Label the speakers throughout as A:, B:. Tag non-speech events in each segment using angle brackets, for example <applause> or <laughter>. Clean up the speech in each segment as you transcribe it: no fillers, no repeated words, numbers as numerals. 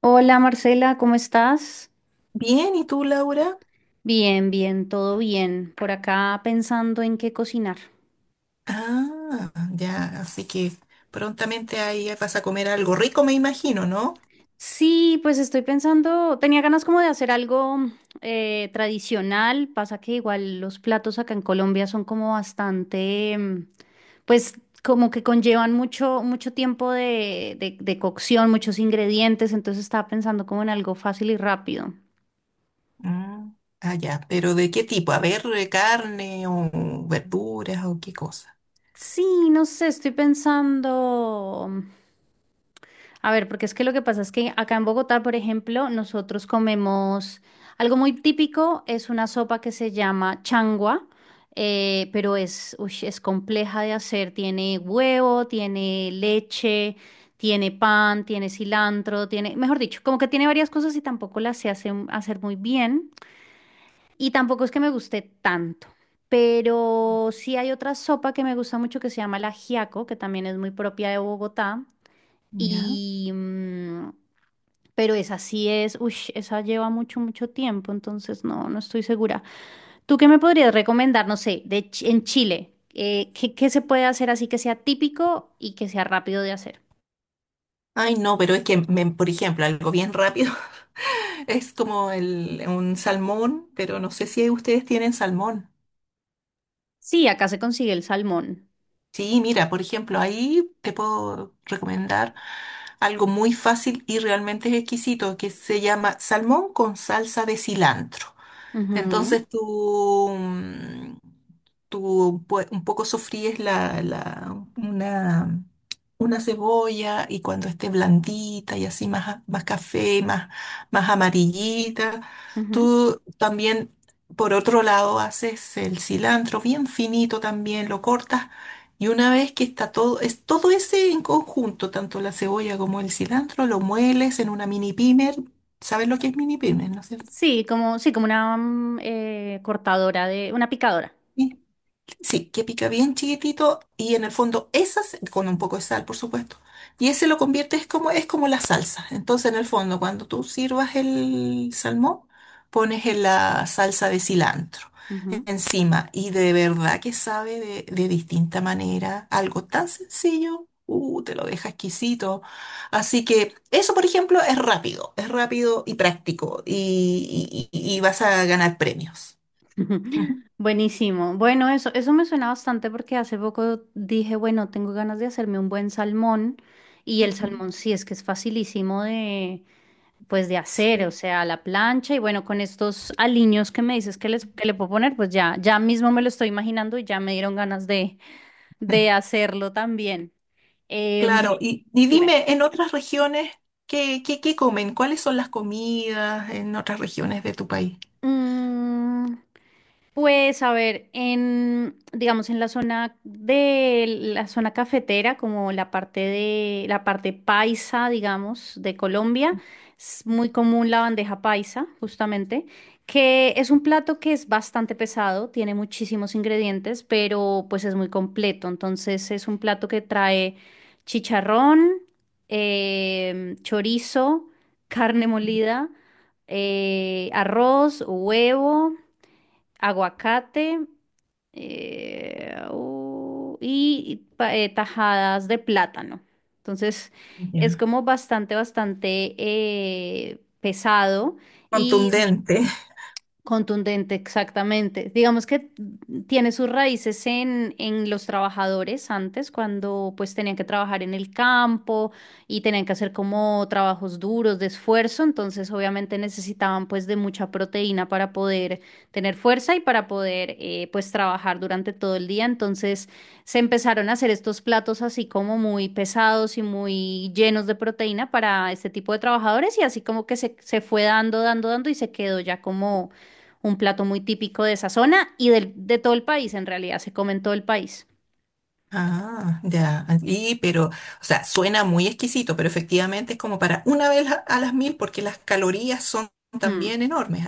A: Hola Marcela, ¿cómo estás?
B: Bien, ¿y tú, Laura?
A: Bien, bien, todo bien. Por acá pensando en qué cocinar.
B: Ah, ya, así que prontamente ahí vas a comer algo rico, me imagino, ¿no?
A: Sí, pues estoy pensando, tenía ganas como de hacer algo tradicional. Pasa que igual los platos acá en Colombia son como bastante, pues como que conllevan mucho, mucho tiempo de cocción, muchos ingredientes. Entonces estaba pensando como en algo fácil y rápido.
B: Mm, ah, ya, pero ¿de qué tipo? A ver, carne o verduras o qué cosa.
A: Sí, no sé, estoy pensando. A ver, porque es que lo que pasa es que acá en Bogotá, por ejemplo, nosotros comemos algo muy típico, es una sopa que se llama changua, pero ush, es compleja de hacer. Tiene huevo, tiene leche, tiene pan, tiene cilantro, tiene, mejor dicho, como que tiene varias cosas y tampoco las hacer muy bien. Y tampoco es que me guste tanto. Pero sí hay otra sopa que me gusta mucho que se llama el ajiaco, que también es muy propia de Bogotá.
B: Ya.
A: Y, mm, pero esa sí es, uy, esa lleva mucho, mucho tiempo, entonces no, no estoy segura. ¿Tú qué me podrías recomendar, no sé, en Chile? ¿Qué se puede hacer así que sea típico y que sea rápido de hacer?
B: Ay, no, pero es que, por ejemplo, algo bien rápido <laughs> es como un salmón, pero no sé si ustedes tienen salmón.
A: Sí, acá se consigue el salmón.
B: Sí, mira, por ejemplo, ahí te puedo recomendar algo muy fácil y realmente exquisito que se llama salmón con salsa de cilantro.
A: Ujú,
B: Entonces tú un poco sofríes una cebolla y cuando esté blandita y así más, más café, más, más amarillita,
A: ujú.
B: tú también, por otro lado, haces el cilantro bien finito también, lo cortas y una vez que está todo, es todo ese en conjunto, tanto la cebolla como el cilantro, lo mueles en una mini pimer. ¿Sabes lo que es mini pimer, no es cierto?
A: Sí, como una cortadora una picadora.
B: Sí. Sí, que pica bien chiquitito y en el fondo esas, con un poco de sal, por supuesto. Y ese lo conviertes como, es como la salsa. Entonces, en el fondo, cuando tú sirvas el salmón, pones en la salsa de cilantro encima. Y de verdad que sabe de distinta manera. Algo tan sencillo, te lo deja exquisito. Así que eso, por ejemplo, es rápido. Es rápido y práctico. Y vas a ganar premios. Ujú,
A: <laughs> Buenísimo. Bueno, eso me suena bastante porque hace poco dije, bueno, tengo ganas de hacerme un buen salmón y el
B: ujú.
A: salmón sí es que es facilísimo pues de hacer, o
B: Sí.
A: sea, a la plancha y bueno, con estos aliños que me dices que le puedo poner, pues ya mismo me lo estoy imaginando y ya me dieron ganas de
B: <laughs>
A: hacerlo también. Em,
B: Claro, y
A: Dime.
B: dime, en otras regiones, ¿qué comen? ¿Cuáles son las comidas en otras regiones de tu país?
A: Mm, Pues a ver, digamos, en la zona de la zona cafetera, como la parte de la parte paisa, digamos, de Colombia, es muy común la bandeja paisa, justamente, que es un plato que es bastante pesado, tiene muchísimos ingredientes, pero pues es muy completo. Entonces es un plato que trae chicharrón, chorizo, carne molida, arroz, huevo, aguacate, y tajadas de plátano. Entonces es
B: Ya.
A: como bastante, bastante pesado.
B: Contundente.
A: Contundente, exactamente. Digamos que tiene sus raíces en los trabajadores antes, cuando pues tenían que trabajar en el campo y tenían que hacer como trabajos duros de esfuerzo, entonces obviamente necesitaban pues de mucha proteína para poder tener fuerza y para poder pues trabajar durante todo el día, entonces se empezaron a hacer estos platos así como muy pesados y muy llenos de proteína para este tipo de trabajadores y así como que se fue dando, dando, dando y se quedó ya como un plato muy típico de esa zona y de todo el país, en realidad, se come en todo el país.
B: Ah, ya. Y, pero, o sea, suena muy exquisito, pero efectivamente es como para una vez a las mil, porque las calorías son
A: Hmm,
B: también enormes.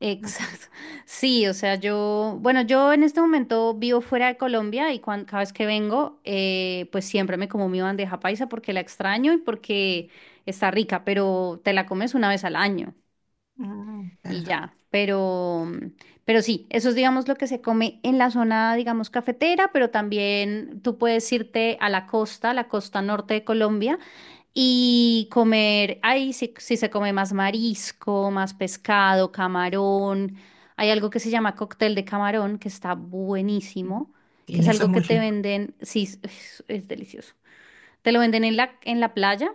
A: exacto. <laughs> Sí, o sea, bueno, yo en este momento vivo fuera de Colombia y cada vez que vengo, pues siempre me como mi bandeja paisa porque la extraño y porque está rica, pero te la comes una vez al año
B: Mm,
A: y
B: claro.
A: ya. Pero sí, eso es, digamos, lo que se come en la zona, digamos, cafetera, pero también tú puedes irte a la costa norte de Colombia y comer, ahí sí, sí se come más marisco, más pescado, camarón. Hay algo que se llama cóctel de camarón, que está buenísimo, que
B: Y
A: es
B: eso es
A: algo que
B: muy
A: te
B: rico.
A: venden, sí, es delicioso. Te lo venden en la playa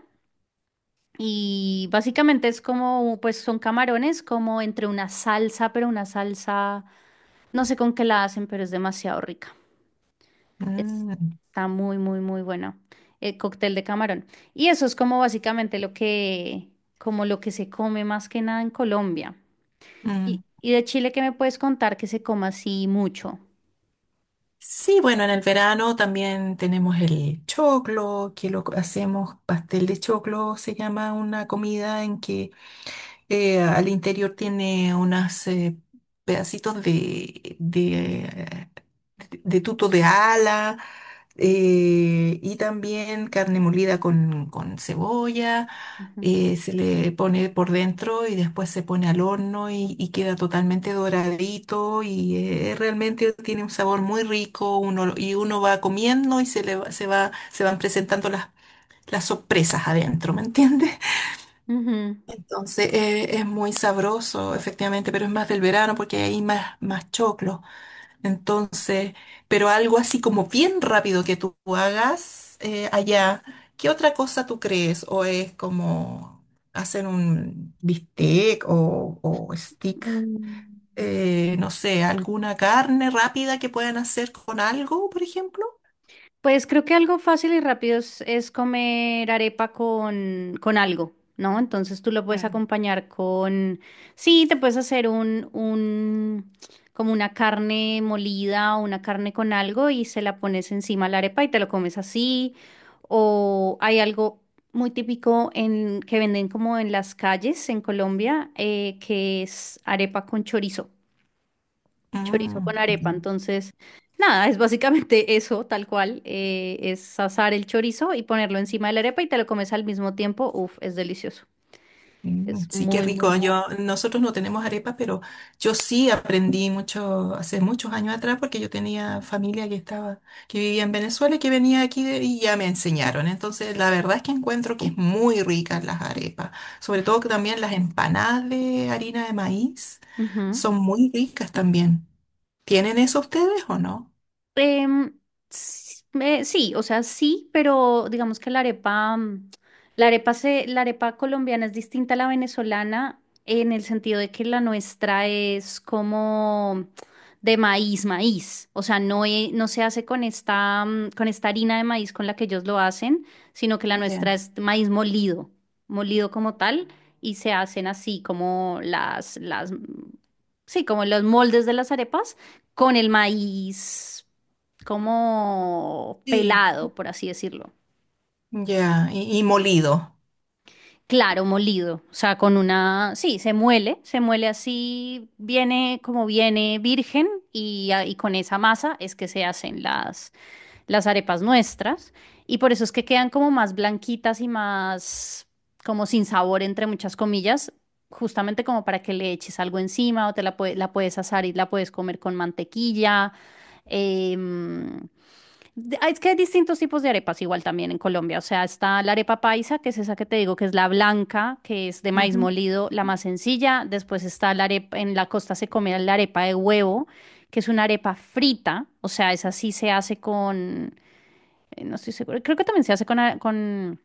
A: y básicamente es como, pues son camarones como entre una salsa, pero una salsa, no sé con qué la hacen, pero es demasiado rica. Es-
B: Mm,
A: Está muy, muy, muy bueno. El cóctel de camarón. Y eso es como básicamente lo que se come más que nada en Colombia. Y,
B: mm.
A: y de Chile, ¿qué me puedes contar que se coma así mucho?
B: Sí, bueno, en el verano también tenemos el choclo, que lo hacemos pastel de choclo, se llama una comida en que al interior tiene unos pedacitos de tuto de ala y también carne molida con cebolla.
A: Ujú.
B: Se le pone por dentro y después se pone al horno y queda totalmente doradito y realmente tiene un sabor muy rico uno, y uno va comiendo y se le va, se van presentando las sorpresas adentro, ¿me entiendes?
A: Ujú.
B: Entonces es muy sabroso, efectivamente, pero es más del verano porque hay más, más choclo. Entonces, pero algo así como bien rápido que tú hagas allá, ¿qué otra cosa tú crees? ¿O es como hacer un bistec o stick?
A: Mm.
B: No sé, alguna carne rápida que puedan hacer con algo, por ejemplo.
A: Pues creo que algo fácil y rápido es comer arepa con algo, ¿no? Entonces tú lo puedes
B: Mm.
A: acompañar sí, te puedes hacer como una carne molida o una carne con algo y se la pones encima a la arepa y te lo comes así. O hay algo muy típico que venden como en las calles en Colombia, que es arepa con chorizo, chorizo
B: Mm,
A: con arepa.
B: ya.
A: Entonces, nada, es básicamente <laughs> eso, tal cual. Es asar el chorizo y ponerlo encima de la arepa y te lo comes al mismo tiempo. Uf, es delicioso.
B: Mm,
A: Es
B: sí, qué
A: muy, muy
B: rico.
A: rico.
B: Yo, nosotros no tenemos arepas, pero yo sí aprendí mucho, hace muchos años atrás, porque yo tenía familia que estaba, que vivía en Venezuela y que venía aquí y ya me enseñaron. Entonces, la verdad es que encuentro que es muy ricas las arepas, sobre todo que también las empanadas de harina de maíz
A: Ujú.
B: son muy ricas también. ¿Tienen eso ustedes o no?
A: Em, sí, o sea, sí, pero digamos que la arepa, la arepa colombiana es distinta a la venezolana en el sentido de que la nuestra es como de maíz, maíz. O sea, no, no se hace con esta harina de maíz con la que ellos lo hacen, sino que la
B: Ya.
A: nuestra es maíz molido, molido como tal, y se hacen así como sí, como los moldes de las arepas con el maíz como
B: Sí.
A: pelado, por así decirlo.
B: Ya, y molido.
A: Claro, molido, o sea, sí, se muele, así, viene como viene virgen y, y con esa masa es que se hacen las arepas nuestras y por eso es que quedan como más blanquitas y más como sin sabor, entre muchas comillas, justamente como para que le eches algo encima o la puedes asar y la puedes comer con mantequilla. em, Es que hay distintos tipos de arepas igual también en Colombia. O sea, está la arepa paisa, que es esa que te digo, que es la blanca, que es de maíz
B: Ujú.
A: molido, la más sencilla. Después está la arepa, en la costa se come la arepa de huevo, que es una arepa frita. O sea, esa sí se hace no estoy segura, creo que también se hace con, a- con,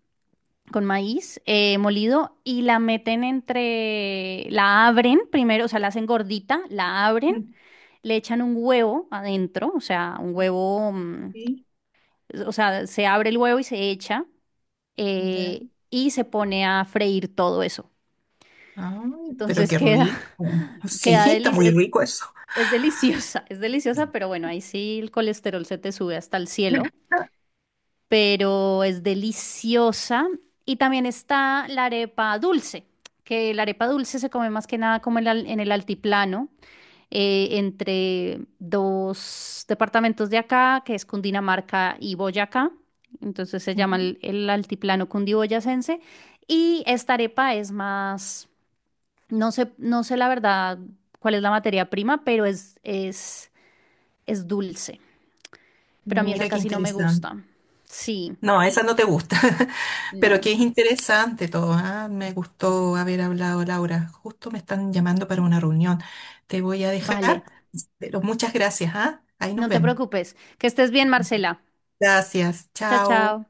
A: con maíz molido y la meten la abren primero, o sea, la hacen gordita, la abren,
B: Mm,
A: le echan un huevo adentro, o sea, un huevo.
B: sí.
A: O sea, se abre el huevo y se echa
B: Ya.
A: y se pone a freír todo eso.
B: Ay, pero
A: Entonces
B: qué
A: queda,
B: rico.
A: <laughs>
B: Sí,
A: queda
B: <laughs> está muy rico eso.
A: es deliciosa, pero bueno, ahí sí el colesterol se te sube hasta el cielo, pero es deliciosa. Y también está la arepa dulce, que la arepa dulce se come más que nada como en el altiplano. Entre dos departamentos de acá, que es Cundinamarca y Boyacá. Entonces se llama
B: Ujú.
A: el altiplano cundiboyacense. Y esta arepa es más, no sé, no sé la verdad cuál es la materia prima, pero es dulce. Pero a mí esa
B: Mira qué
A: casi no me
B: interesante.
A: gusta. Sí,
B: No, esa no te gusta, <laughs> pero
A: no.
B: que es interesante todo. Me gustó haber hablado, Laura. Justo me están llamando para una reunión. Te voy a
A: Vale.
B: dejar, pero muchas gracias, ¿ah? Ahí nos
A: No te
B: vemos.
A: preocupes. Que estés bien, Marcela.
B: Gracias,
A: Chao,
B: chao.
A: chao.